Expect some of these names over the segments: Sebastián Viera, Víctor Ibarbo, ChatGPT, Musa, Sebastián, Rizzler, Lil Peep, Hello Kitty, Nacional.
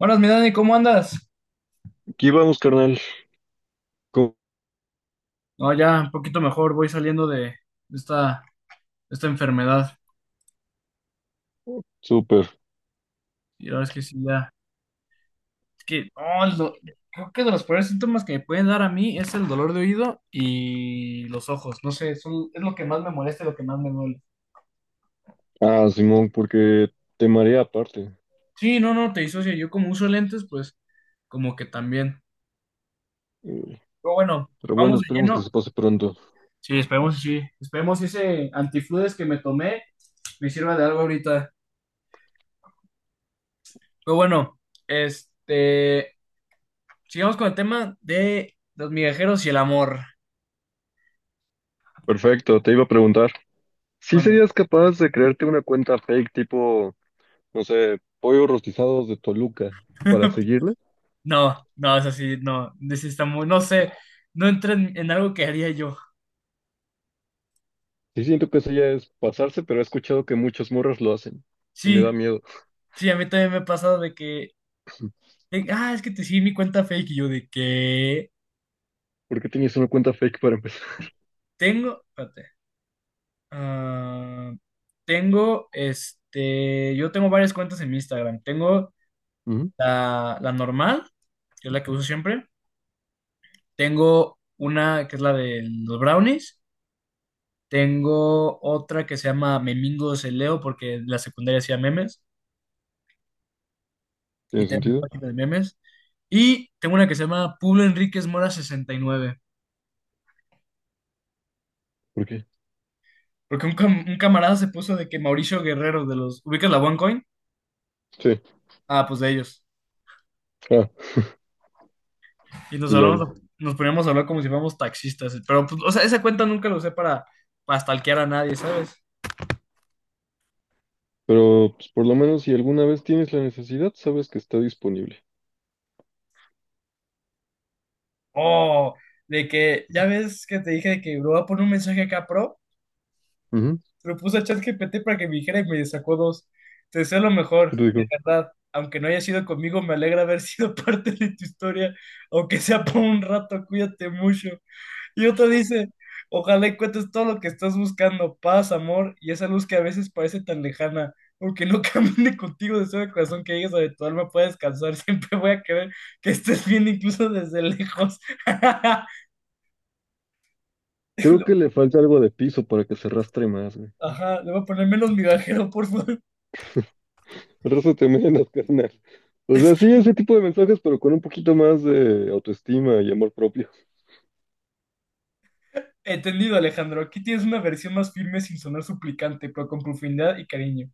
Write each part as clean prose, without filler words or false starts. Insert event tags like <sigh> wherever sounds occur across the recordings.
Buenas, mi Dani, ¿cómo andas? Aquí vamos, carnal. Co- No, ya un poquito mejor, voy saliendo de esta, esta enfermedad. súper. Y la verdad es que sí, ya. Es que, no, creo que de los peores síntomas que me pueden dar a mí es el dolor de oído y los ojos. No sé, es lo que más me molesta y lo que más me duele. Ah, Simón, porque te marea aparte. Sí, no, no, te disocia. Yo como uso lentes, pues como que también. Eh, Pero bueno, Pero bueno, vamos de esperemos que se lleno. pase pronto. Sí. Esperemos que ese antifludes que me tomé me sirva de algo ahorita. Pero bueno, este. Sigamos con el tema de los migajeros y el amor. Perfecto, te iba a preguntar. ¿Sí Mando. serías capaz de crearte una cuenta fake tipo, no sé, pollo rostizados de Toluca para <laughs> seguirle? No, no, es así, no. This está muy, no sé, no entra en algo que haría yo. Sí siento que eso ya es pasarse, pero he escuchado que muchas morras lo hacen. Y me Sí, da miedo. sí, a mí también me ha pasado de que, es que te sigue mi cuenta fake y yo de que ¿Por qué tienes una cuenta fake para empezar? <laughs> Espérate, ah, yo tengo varias cuentas en mi Instagram. Tengo Ujú. la normal, que es la que uso siempre. Tengo una que es la de los brownies. Tengo otra que se llama Memingos el Leo, porque en la secundaria hacía memes y ¿Tiene tengo mi sentido? página de memes. Y tengo una que se llama Pablo Enríquez Mora 69, ¿Por qué? porque un camarada se puso de que Mauricio Guerrero de los... ¿Ubicas la OneCoin? Sí. Ah, pues de ellos. Ah, Y nos lol. hablamos, nos poníamos a hablar como si fuéramos taxistas. Pero, pues, o sea, esa cuenta nunca la usé para stalkear a nadie, ¿sabes? Pero pues, por lo menos si alguna vez tienes la necesidad, sabes que está disponible. Oh, de que, ya ves que te dije de que, bro, voy a poner un mensaje acá, pro. Lo puse a ChatGPT para que me dijera y me sacó dos. Te deseo lo mejor, Pero de digo, verdad. Aunque no haya sido conmigo, me alegra haber <laughs> sido parte de tu historia, aunque sea por un rato, cuídate mucho. Y otro dice, ojalá encuentres todo lo que estás buscando, paz, amor y esa luz que a veces parece tan lejana. Aunque no <laughs> camine contigo, deseo de corazón que llegues a donde tu alma pueda descansar. <laughs> Siempre voy a querer que estés bien, incluso desde lejos. <laughs> creo que le falta algo de piso para que se arrastre más, güey. Ajá, le voy a poner menos migajero, por favor. Arrástrate menos, <laughs> carnal. O sea, sí, <laughs> ese tipo de mensajes, pero con un poquito más de autoestima y amor propio. Entendido, Alejandro. Aquí tienes una versión más firme sin sonar suplicante, pero con profundidad y cariño.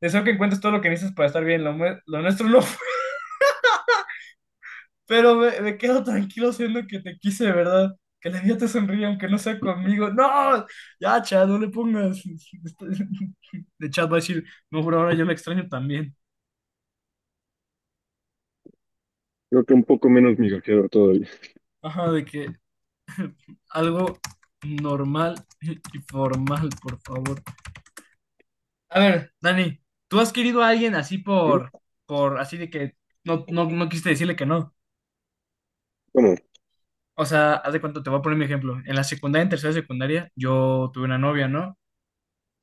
Deseo que encuentres todo lo que necesitas para estar bien. Lo nuestro no fue. <laughs> Pero me quedo tranquilo siendo que te quise de verdad. Que la vida te sonríe aunque no sea conmigo. ¡No! Ya, Chad, no le pongas. <laughs> De Chad va a decir, no, por ahora yo la extraño también. Creo que un poco menos migajero todavía. Ajá, de que algo normal y formal, por favor. A ver, Dani, ¿tú has querido a alguien así ¿Mm? Así de que no, no, no quisiste decirle que no? ¿Cómo? O sea, haz de cuenta, te voy a poner mi ejemplo. En la secundaria, en tercera secundaria, yo tuve una novia, ¿no?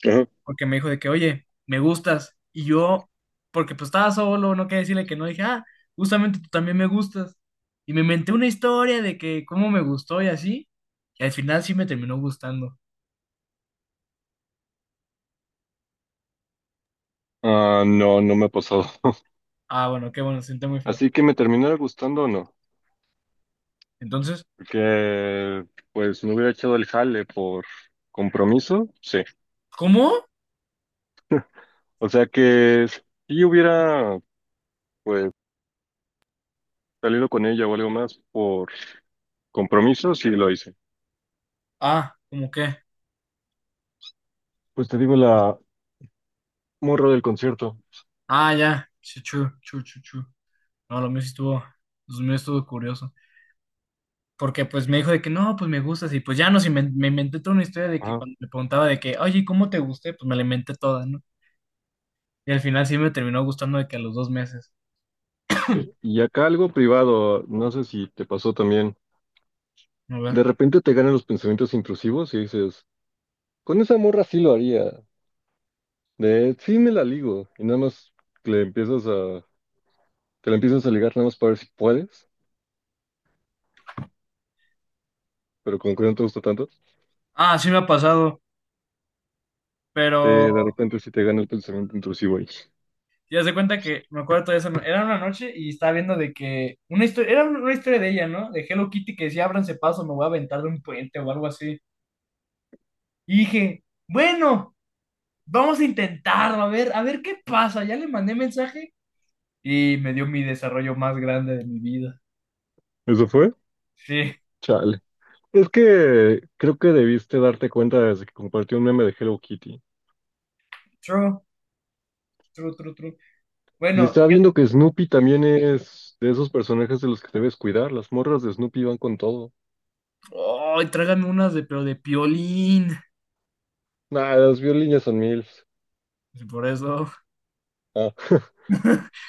Ajá. Porque me dijo de que, oye, me gustas. Y yo, porque pues estaba solo, no quería decirle que no, dije, ah, justamente tú también me gustas. Y me inventé una historia de que cómo me gustó y así. Y al final sí me terminó gustando. Ah, no, no me ha pasado. <laughs> Ah, bueno, qué bueno, se siente muy feo. Así que me terminara gustando o no. Entonces, Porque, pues, me hubiera echado el jale por compromiso, sí. ¿cómo? O sea que si yo hubiera, pues, salido con ella o algo más por compromiso, sí lo hice. Ah, ¿cómo qué? Pues te digo la, muy raro el concierto. Ah, ya. Chu, chu, chu, chu, chu. No, lo mío sí estuvo, lo mío estuvo curioso. Porque pues me dijo de que no, pues me gustas y pues ya me inventé toda una historia de que Ajá. cuando me preguntaba de que, oye, ¿cómo te gusté? Pues me la inventé toda, ¿no? Y al final sí me terminó gustando de que a los 2 meses. Y acá algo privado, no sé si te pasó también. A ver. De repente te ganan los pensamientos intrusivos y dices, con esa morra sí lo haría. De sí me la ligo. Y nada más le empiezas a, te la empiezas a ligar nada más para ver si puedes, pero como que no te gusta tanto, Ah, sí me ha pasado, pero de repente sí te gana el pensamiento intrusivo ahí. ya se cuenta que me acuerdo toda esa, era una noche y estaba viendo de que una historia, era una historia de ella, ¿no? De Hello Kitty que decía, ábranse paso, me voy a aventar de un puente o algo así. Y dije, bueno, vamos a intentarlo, a ver qué pasa. Ya le mandé mensaje. Y me dio mi desarrollo más grande de mi vida. ¿Eso fue? Sí, Chale. Es que creo que debiste darte cuenta desde que compartí un meme de Hello Kitty. true, true, true, true. Y Bueno, estaba viendo que Snoopy también es de esos personajes de los que debes cuidar. Las morras de Snoopy van con todo. ay, tráigame unas de, pero de piolín. Nah, las violinas son MILFs. Y por eso, Ah, <laughs>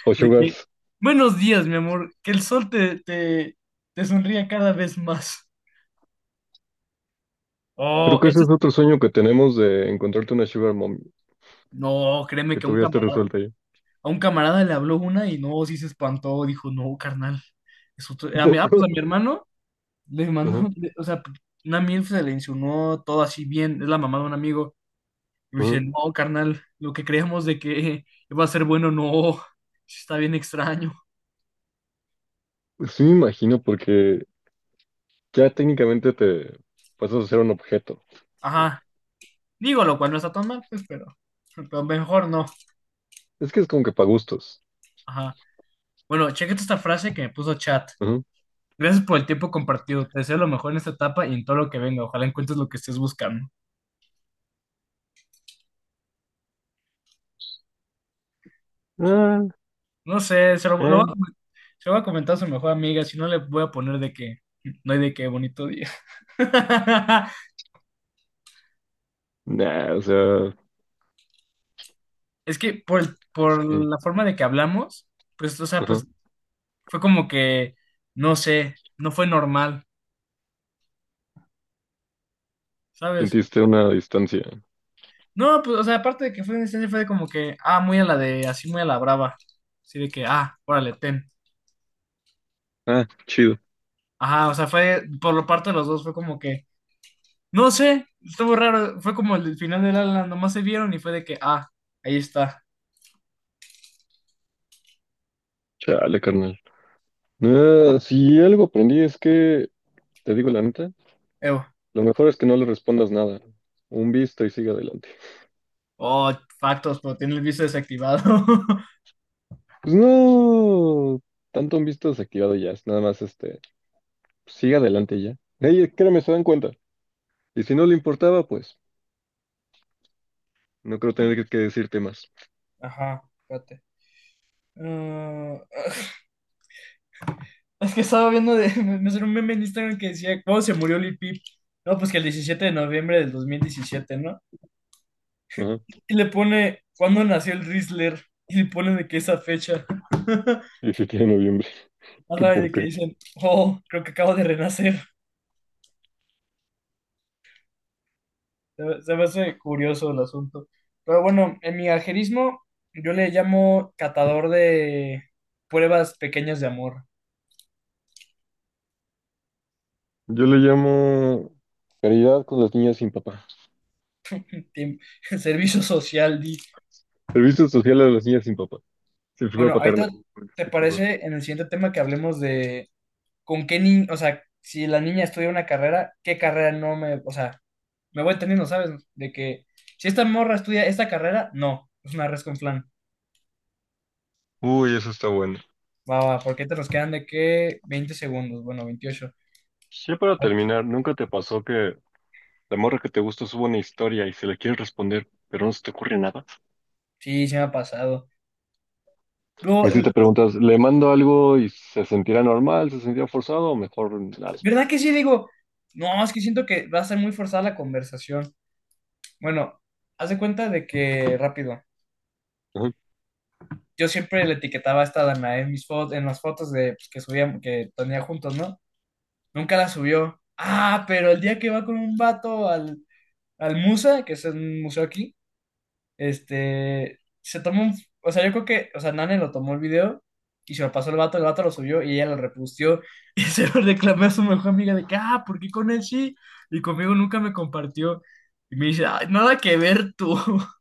o de que, Sugars. buenos días, mi amor, que el sol te sonría cada vez más. Creo Oh, que ese eso, es otro sueño que tenemos de encontrarte una Sugar Mommy, no, créeme que que a un todavía esté camarada, resuelta ya. a un camarada le habló una y no, sí se espantó, dijo, no, carnal. Es otro- Un a mi, ah, poco. pues a mi <laughs> hermano Ajá, o sea, una milf se le insinuó todo así bien, es la mamá de un amigo. Y ajá. dice, no, carnal, lo que creíamos de que <laughs> iba a ser bueno, no, está bien extraño. Pues sí me imagino, porque ya técnicamente te pasas a ser un objeto. Ajá, digo, lo cual no está tan mal, pues, pero mejor no. Es que es como que para gustos. Ajá. Bueno, chequete esta frase que me puso chat. Ajá. Gracias por el tiempo compartido. Te deseo lo mejor en esta etapa y en todo lo que venga. Ojalá encuentres lo que estés buscando. <laughs> Ah, No sé, eh. Se lo voy a comentar a su mejor amiga, si no le voy a poner de que no hay de qué bonito día. <laughs> Nah, o sea, Es que es por que... la forma de que hablamos, pues, o sea, Ajá. pues fue como que, no sé, no fue normal, ¿sabes? Sentiste una distancia. No, pues, o sea, aparte de que fue una instancia, fue de como que, muy a la de, así muy a la brava. Así de que, órale, ten. Ah, chido. Ajá, o sea, fue, por la parte de los dos, fue como que, no sé, estuvo raro. Fue como el final del ala, nomás se vieron y fue de que, ahí está, Chale, carnal. Ah, si algo aprendí es que, te digo la neta, Evo. lo mejor es que no le respondas nada. Un visto y sigue adelante. Oh, factos, pero tiene el visto desactivado. <laughs> Pues no, tanto un visto desactivado ya, es nada más este, sigue adelante ya. Ey, créeme, se dan cuenta. Y si no le importaba, pues no creo tener que, decirte más. Ajá, espérate. Ah, <laughs> es que estaba viendo de, <laughs> me salió un meme en Instagram que decía, ¿cuándo se murió Lil Peep? No, pues que el 17 de noviembre del 2017, ¿no? Ajá. Y le pone, ¿cuándo nació el Rizzler? Y le pone de que esa fecha. Y si tiene noviembre, <laughs> qué Ajá, y de que poca. dicen, oh, creo que acabo de renacer. Se me hace curioso el asunto. Pero bueno, en mi ajerismo, yo le llamo catador de pruebas pequeñas de amor. Yo le llamo caridad con las niñas sin papá. Tiem- <laughs> Servicio social, di. Servicio social a las niñas sin papá. Sin figura Bueno, ahorita, paterna. Porque ¿te escucho mejor. parece en el siguiente tema que hablemos de con qué niño, o sea, si la niña estudia una carrera, qué carrera no me, o sea, me voy entendiendo, ¿sabes? De que si esta morra estudia esta carrera, no, es una res con flan. Uy, eso está bueno. Va, va, porque te nos quedan de qué 20 segundos, bueno, 28. Ya para terminar, ¿nunca te pasó que la morra que te gustó sube una historia y se le quiere responder, pero no se te ocurre nada? Sí, se me ha pasado. Luego, Y si te preguntas, ¿le mando algo y se sentirá normal, se sentirá forzado o mejor nada? ¿verdad que sí? Digo, no, es que siento que va a ser muy forzada la conversación. Bueno, haz de cuenta de que, rápido, Ajá. yo siempre le etiquetaba a esta Danae en mis fotos, en las fotos de, pues, que subíamos, que tenía juntos, ¿no? Nunca la subió. Ah, pero el día que va con un vato al Musa, que es un museo aquí, se toma un... O sea, yo creo que, o sea, Nane lo tomó el video y se lo pasó el vato lo subió y ella lo repustió y <laughs> se lo reclamé a su mejor amiga de que, ¿por qué con él sí? Y conmigo nunca me compartió. Y me dice, "Ay, nada que ver tú. <laughs>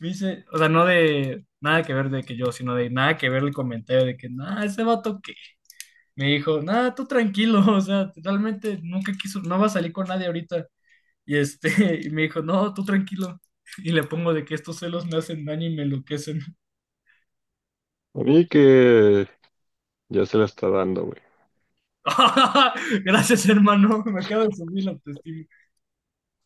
Me dice, o sea, no de nada que ver de que yo, sino de nada que ver el comentario de que, nada, ese vato me dijo, nada, tú tranquilo, <laughs> o sea, realmente nunca quiso, no va a salir con nadie ahorita. <laughs> Y me dijo, no, tú tranquilo. Y le pongo de que estos celos me hacen daño y me enloquecen. A mí que ya se la está dando, güey. <laughs> Gracias, hermano, me acaba de subir la autoestima.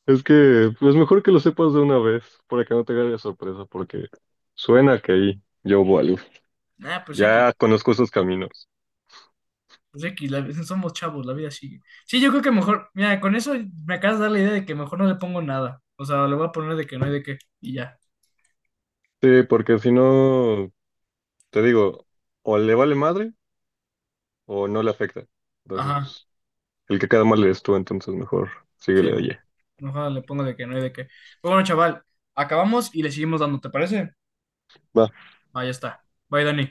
Es que es mejor que lo sepas de una vez para que no te agarre de sorpresa, porque suena que ahí yo hubo algo. Nah, Ya conozco esos caminos. pues X, somos chavos, la vida sigue. Sí, yo creo que mejor, mira, con eso me acabas de dar la idea de que mejor no le pongo nada. O sea, le voy a poner de que no hay de qué y ya. Sí, porque si no, te digo, o le vale madre o no le afecta. Entonces, Ajá, pues, el que queda mal eres tú, entonces mejor sí, síguele, oye. mejor le pongo de que no hay de qué. Pero bueno, chaval, acabamos y le seguimos dando, ¿te parece? Va. Ahí está. Bye, Dani.